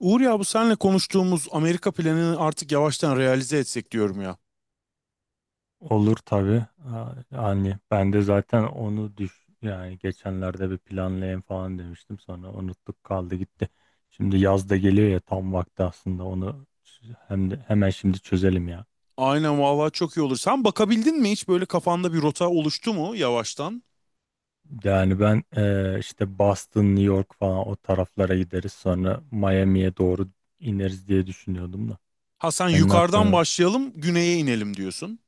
Uğur ya bu senle konuştuğumuz Amerika planını artık yavaştan realize etsek diyorum ya. Olur tabii. Yani ben de zaten onu yani geçenlerde bir planlayayım falan demiştim, sonra unuttuk, kaldı gitti. Şimdi yaz da geliyor ya, tam vakti aslında onu hem de hemen şimdi çözelim ya. Aynen vallahi çok iyi olur. Sen bakabildin mi hiç böyle kafanda bir rota oluştu mu yavaştan? Yani ben işte Boston, New York falan o taraflara gideriz, sonra Miami'ye doğru ineriz diye düşünüyordum da. Ha sen Senin yukarıdan aklını başlayalım, güneye inelim diyorsun.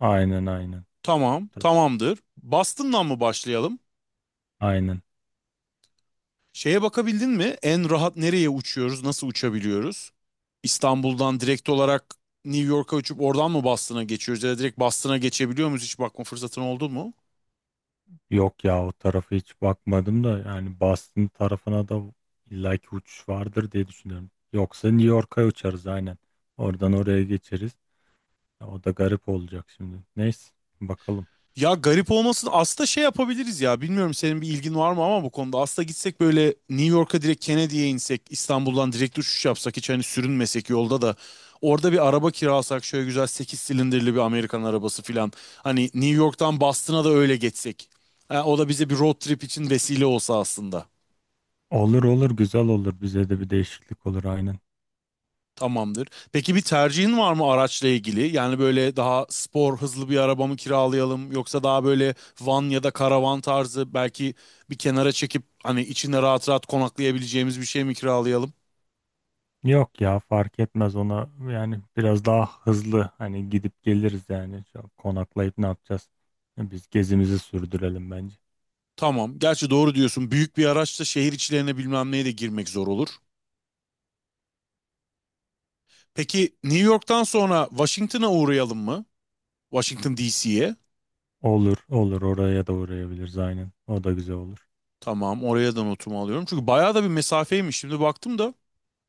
aynen aynen. Tamam, Tabii, tamamdır. Boston'dan mı başlayalım? aynen. Şeye bakabildin mi? En rahat nereye uçuyoruz, nasıl uçabiliyoruz? İstanbul'dan direkt olarak New York'a uçup oradan mı Boston'a geçiyoruz ya da direkt Boston'a geçebiliyor muyuz? Hiç bakma fırsatın oldu mu? Yok ya, o tarafa hiç bakmadım da, yani Boston tarafına da illaki uçuş vardır diye düşünüyorum. Yoksa New York'a uçarız aynen. Oradan oraya geçeriz. Ya, o da garip olacak şimdi. Neyse, bakalım. Ya garip olmasın. Aslında şey yapabiliriz ya. Bilmiyorum senin bir ilgin var mı ama bu konuda. Aslında gitsek böyle New York'a direkt Kennedy'ye insek. İstanbul'dan direkt uçuş yapsak. Hiç hani sürünmesek yolda da. Orada bir araba kiralasak. Şöyle güzel 8 silindirli bir Amerikan arabası filan. Hani New York'tan Boston'a da öyle geçsek. Ha, o da bize bir road trip için vesile olsa aslında. Olur olur, güzel olur. Bize de bir değişiklik olur aynen. Tamamdır. Peki bir tercihin var mı araçla ilgili? Yani böyle daha spor hızlı bir araba mı kiralayalım yoksa daha böyle van ya da karavan tarzı belki bir kenara çekip hani içinde rahat rahat konaklayabileceğimiz bir şey mi kiralayalım? Yok ya, fark etmez ona, yani biraz daha hızlı hani gidip geliriz yani. Çok konaklayıp ne yapacağız? Biz gezimizi sürdürelim bence. Tamam. Gerçi doğru diyorsun. Büyük bir araçla şehir içlerine bilmem neye de girmek zor olur. Peki New York'tan sonra Washington'a uğrayalım mı? Washington DC'ye. Olur olur, oraya da uğrayabiliriz aynen. O da güzel olur. Tamam, oraya da notumu alıyorum. Çünkü bayağı da bir mesafeymiş. Şimdi baktım da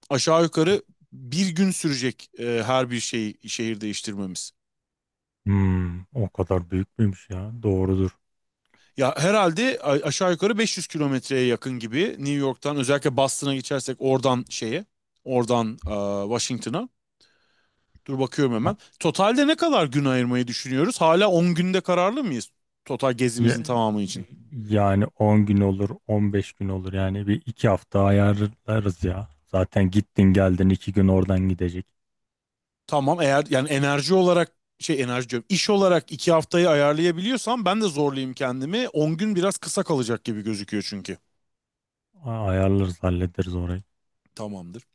aşağı yukarı bir gün sürecek her bir şey şehir değiştirmemiz. Hmm, o kadar büyük müymüş ya? Doğrudur. Ya herhalde aşağı yukarı 500 kilometreye yakın gibi New York'tan özellikle Boston'a geçersek oradan oradan e, Washington'a. Dur bakıyorum hemen. Totalde ne kadar gün ayırmayı düşünüyoruz? Hala 10 günde kararlı mıyız total Ya- gezimizin tamamı için? yani 10 gün olur, 15 gün olur. Yani bir iki hafta ayarlarız ya. Zaten gittin geldin, 2 gün oradan gidecek. Tamam eğer yani enerji olarak şey enerji diyorum iş olarak 2 haftayı ayarlayabiliyorsam ben de zorlayayım kendimi. 10 gün biraz kısa kalacak gibi gözüküyor çünkü. Ayarlarız, hallederiz orayı. Tamamdır.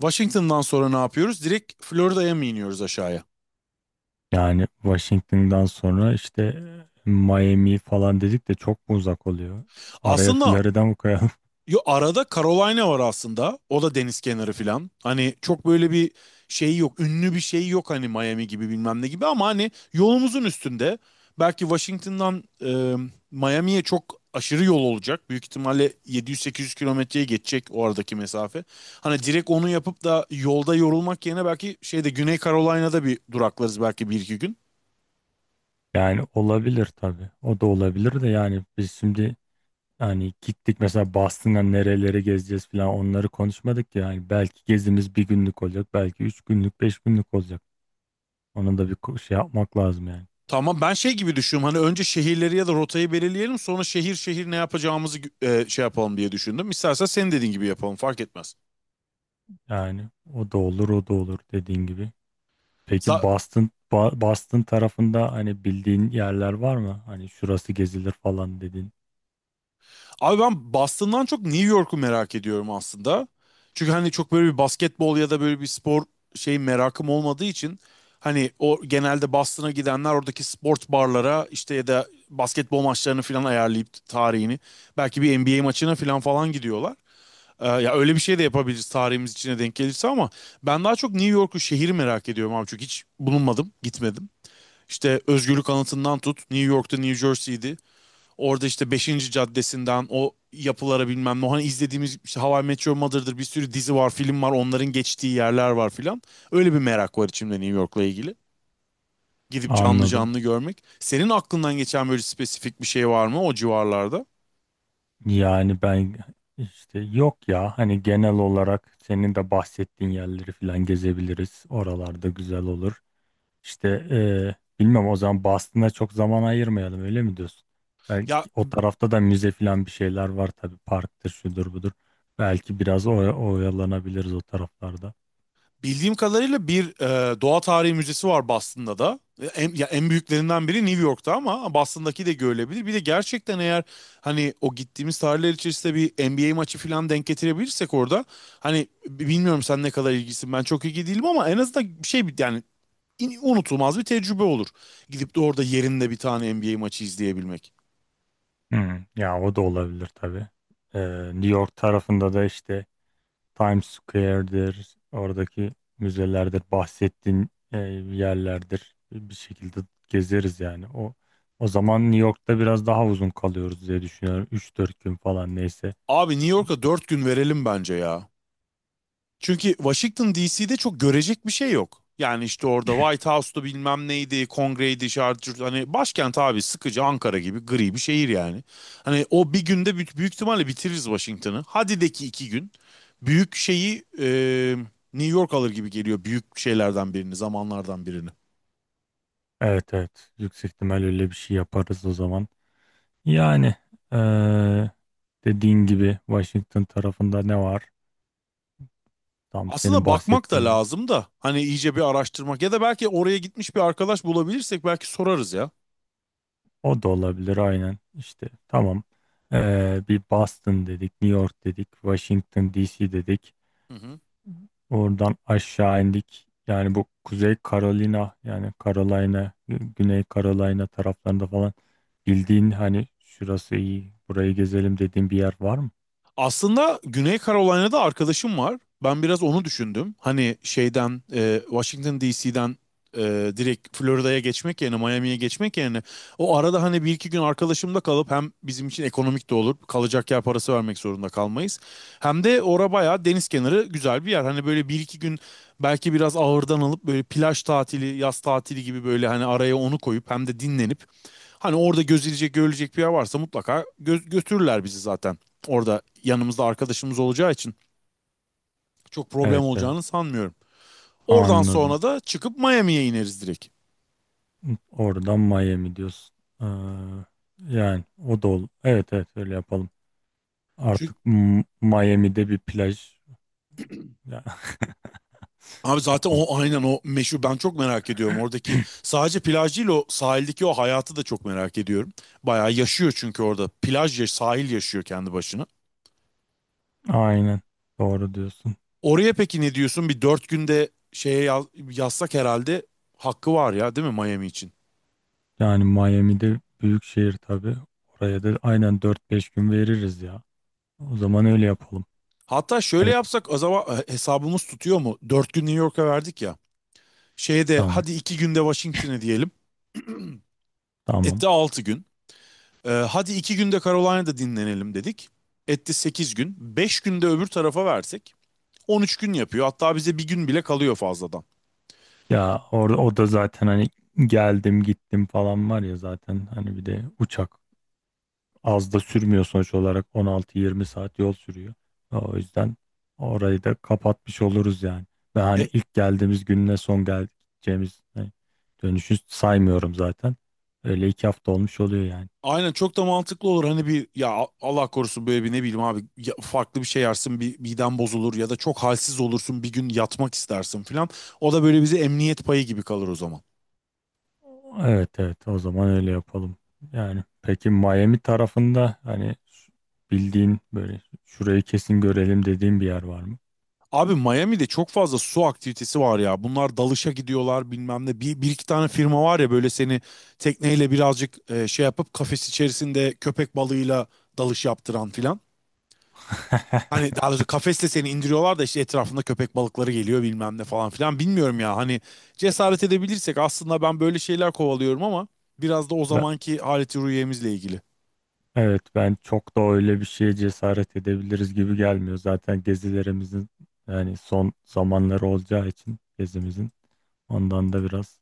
Washington'dan sonra ne yapıyoruz? Direkt Florida'ya mı iniyoruz aşağıya? Yani Washington'dan sonra işte Miami falan dedik de, çok mu uzak oluyor? Araya Aslında Florida mı koyalım? yo, arada Carolina var aslında. O da deniz kenarı falan. Hani çok böyle bir şey yok. Ünlü bir şey yok hani Miami gibi bilmem ne gibi ama hani yolumuzun üstünde. Belki Washington'dan Miami'ye çok aşırı yol olacak. Büyük ihtimalle 700-800 kilometreye geçecek o aradaki mesafe. Hani direkt onu yapıp da yolda yorulmak yerine belki şeyde Güney Carolina'da bir duraklarız belki 1-2 gün. Yani olabilir tabii. O da olabilir de. Yani biz şimdi Yani gittik mesela Boston'a, nerelere gezeceğiz falan, onları konuşmadık ya. Yani belki gezimiz bir günlük olacak, belki 3 günlük, 5 günlük olacak. Ona da bir şey yapmak lazım yani. Tamam ben şey gibi düşünüyorum hani önce şehirleri ya da rotayı belirleyelim sonra şehir şehir ne yapacağımızı şey yapalım diye düşündüm. İstersen senin dediğin gibi yapalım fark etmez. Yani o da olur, o da olur dediğin gibi. Peki Za- Boston, Boston tarafında hani bildiğin yerler var mı? Hani şurası gezilir falan dedin. Abi ben Boston'dan çok New York'u merak ediyorum aslında. Çünkü hani çok böyle bir basketbol ya da böyle bir spor şey merakım olmadığı için hani o genelde Boston'a gidenler oradaki sport barlara işte ya da basketbol maçlarını falan ayarlayıp tarihini belki bir NBA maçına falan falan gidiyorlar. Ya öyle bir şey de yapabiliriz tarihimiz içine denk gelirse ama ben daha çok New York'u şehir merak ediyorum abi çünkü hiç bulunmadım, gitmedim. İşte Özgürlük Anıtı'ndan tut, New York'ta New Jersey'di. Orada işte beşinci Caddesi'nden o yapılara bilmem ne. Hani izlediğimiz işte How I Met Your Mother'dır bir sürü dizi var, film var. Onların geçtiği yerler var filan. Öyle bir merak var içimde New York'la ilgili. Gidip canlı Anladım. canlı görmek. Senin aklından geçen böyle spesifik bir şey var mı o civarlarda? Yani ben işte, yok ya, hani genel olarak senin de bahsettiğin yerleri falan gezebiliriz. Oralarda güzel olur. İşte bilmem, o zaman Boston'a çok zaman ayırmayalım, öyle mi diyorsun? Belki Ya o tarafta da müze falan bir şeyler var tabii, parktır, şudur budur. Belki biraz oyalanabiliriz o taraflarda. bildiğim kadarıyla bir doğa tarihi müzesi var Boston'da da. Ya en büyüklerinden biri New York'ta ama Boston'daki de görülebilir. Bir de gerçekten eğer hani o gittiğimiz tarihler içerisinde bir NBA maçı falan denk getirebilirsek orada hani bilmiyorum sen ne kadar ilgisin ben çok ilgi değilim ama en azından bir şey yani unutulmaz bir tecrübe olur. Gidip de orada yerinde bir tane NBA maçı izleyebilmek. Hmm, ya o da olabilir tabii. E, New York tarafında da işte Times Square'dir, oradaki müzelerdir, bahsettiğin yerlerdir. Bir şekilde gezeriz yani. O zaman New York'ta biraz daha uzun kalıyoruz diye düşünüyorum. 3-4 gün falan, neyse. Abi New York'a 4 gün verelim bence ya. Çünkü Washington DC'de çok görecek bir şey yok. Yani işte orada White House'tu bilmem neydi, kongreydi, şart, hani başkent abi sıkıcı Ankara gibi gri bir şehir yani. Hani o bir günde büyük, büyük ihtimalle bitiririz Washington'ı. Hadi de ki 2 gün. Büyük şeyi New York alır gibi geliyor büyük şeylerden birini, zamanlardan birini. Evet evet, yüksek ihtimal öyle bir şey yaparız o zaman. Yani eee, dediğin gibi Washington tarafında ne var? Tam senin Aslında bakmak da bahsettiğin yer. lazım da hani iyice bir araştırmak ya da belki oraya gitmiş bir arkadaş bulabilirsek belki sorarız ya. O da olabilir aynen, işte tamam. Bir Boston dedik, New York dedik, Washington DC dedik. Hı hı. Oradan aşağı indik. Yani bu Kuzey Carolina, yani Carolina, Güney Carolina taraflarında falan, bildiğin hani şurası iyi, burayı gezelim dediğin bir yer var mı? Aslında Güney Carolina'da arkadaşım var. Ben biraz onu düşündüm. Hani şeyden Washington DC'den direkt Florida'ya geçmek yerine Miami'ye geçmek yerine o arada hani 1-2 gün arkadaşımda kalıp hem bizim için ekonomik de olur. Kalacak yer parası vermek zorunda kalmayız. Hem de ora bayağı deniz kenarı güzel bir yer. Hani böyle 1-2 gün belki biraz ağırdan alıp böyle plaj tatili, yaz tatili gibi böyle hani araya onu koyup hem de dinlenip hani orada gözülecek, görülecek bir yer varsa mutlaka götürürler bizi zaten. Orada yanımızda arkadaşımız olacağı için çok problem Evet evet, olacağını sanmıyorum. Oradan anladım. sonra da çıkıp Miami'ye ineriz direkt. Oradan Miami diyorsun. Ee, yani o da ol. Evet evet, öyle yapalım. Çünkü Artık Miami'de bir plaj. Ya, abi zaten tamam. o aynen o meşhur ben çok merak ediyorum. Oradaki sadece plaj değil o sahildeki o hayatı da çok merak ediyorum. Bayağı yaşıyor çünkü orada plaj yaş sahil yaşıyor kendi başına. Aynen, doğru diyorsun. Oraya peki ne diyorsun? Bir 4 günde şeye yazsak herhalde hakkı var ya değil mi Miami için? Yani Miami'de büyük şehir tabii. Oraya da aynen 4-5 gün veririz ya. O zaman öyle yapalım. Hatta şöyle Hani yapsak acaba hesabımız tutuyor mu? Dört gün New York'a verdik ya. Şeyde tamam hadi 2 günde Washington'e diyelim. tamam. Etti 6 gün. Hadi iki günde Carolina'da dinlenelim dedik. Etti 8 gün. 5 günde öbür tarafa versek. 13 gün yapıyor. Hatta bize bir gün bile kalıyor fazladan. Ya, orada o da zaten hani geldim gittim falan var ya, zaten hani bir de uçak, az da sürmüyor sonuç olarak 16-20 saat yol sürüyor. O yüzden orayı da kapatmış oluruz yani. Ve Ya, hani ilk geldiğimiz gününe son geleceğimiz hani dönüşü saymıyorum zaten. Öyle 2 hafta olmuş oluyor yani. aynen çok da mantıklı olur. Hani bir ya Allah korusun böyle bir ne bileyim abi ya farklı bir şey yersin bir miden bozulur ya da çok halsiz olursun bir gün yatmak istersin filan. O da böyle bize emniyet payı gibi kalır o zaman. Evet evet, o zaman öyle yapalım. Yani peki, Miami tarafında hani bildiğin böyle şurayı kesin görelim dediğin bir yer var mı? Abi Miami'de çok fazla su aktivitesi var ya. Bunlar dalışa gidiyorlar bilmem ne. Bir iki tane firma var ya böyle seni tekneyle birazcık şey yapıp kafes içerisinde köpek balığıyla dalış yaptıran filan. Hani daha doğrusu kafesle seni indiriyorlar da işte etrafında köpek balıkları geliyor bilmem ne falan filan. Bilmiyorum ya hani cesaret edebilirsek aslında ben böyle şeyler kovalıyorum ama biraz da o Ben- zamanki haleti ruhiyemizle ilgili. Evet, ben çok da öyle bir şeye cesaret edebiliriz gibi gelmiyor. Zaten gezilerimizin yani son zamanları olacağı için gezimizin, ondan da biraz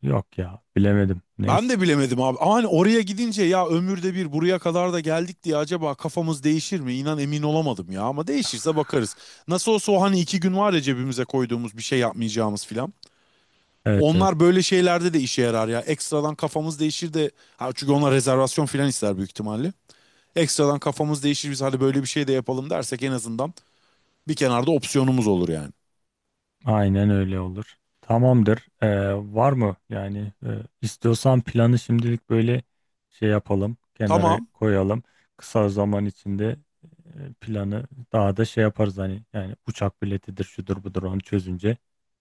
yok ya, bilemedim. Ben Neyse. de bilemedim abi. Ama hani oraya gidince ya ömürde bir buraya kadar da geldik diye acaba kafamız değişir mi? İnan emin olamadım ya ama değişirse bakarız. Nasıl olsa o hani 2 gün var ya cebimize koyduğumuz bir şey yapmayacağımız filan. Evet evet, Onlar böyle şeylerde de işe yarar ya. Ekstradan kafamız değişir de ha çünkü onlar rezervasyon filan ister büyük ihtimalle. Ekstradan kafamız değişir biz hadi böyle bir şey de yapalım dersek en azından bir kenarda opsiyonumuz olur yani. aynen öyle olur. Tamamdır. Var mı yani, istiyorsan planı şimdilik böyle şey yapalım, kenara Tamam. koyalım. Kısa zaman içinde planı daha da şey yaparız hani, yani uçak biletidir şudur budur, onu çözünce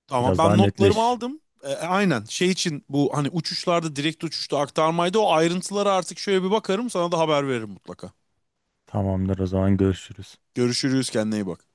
Ama biraz daha ben notlarımı netleşir. aldım. Aynen şey için bu hani uçuşlarda direkt uçuşta aktarmaydı. O ayrıntılara artık şöyle bir bakarım sana da haber veririm mutlaka. Tamamdır, o zaman görüşürüz. Görüşürüz kendine iyi bak.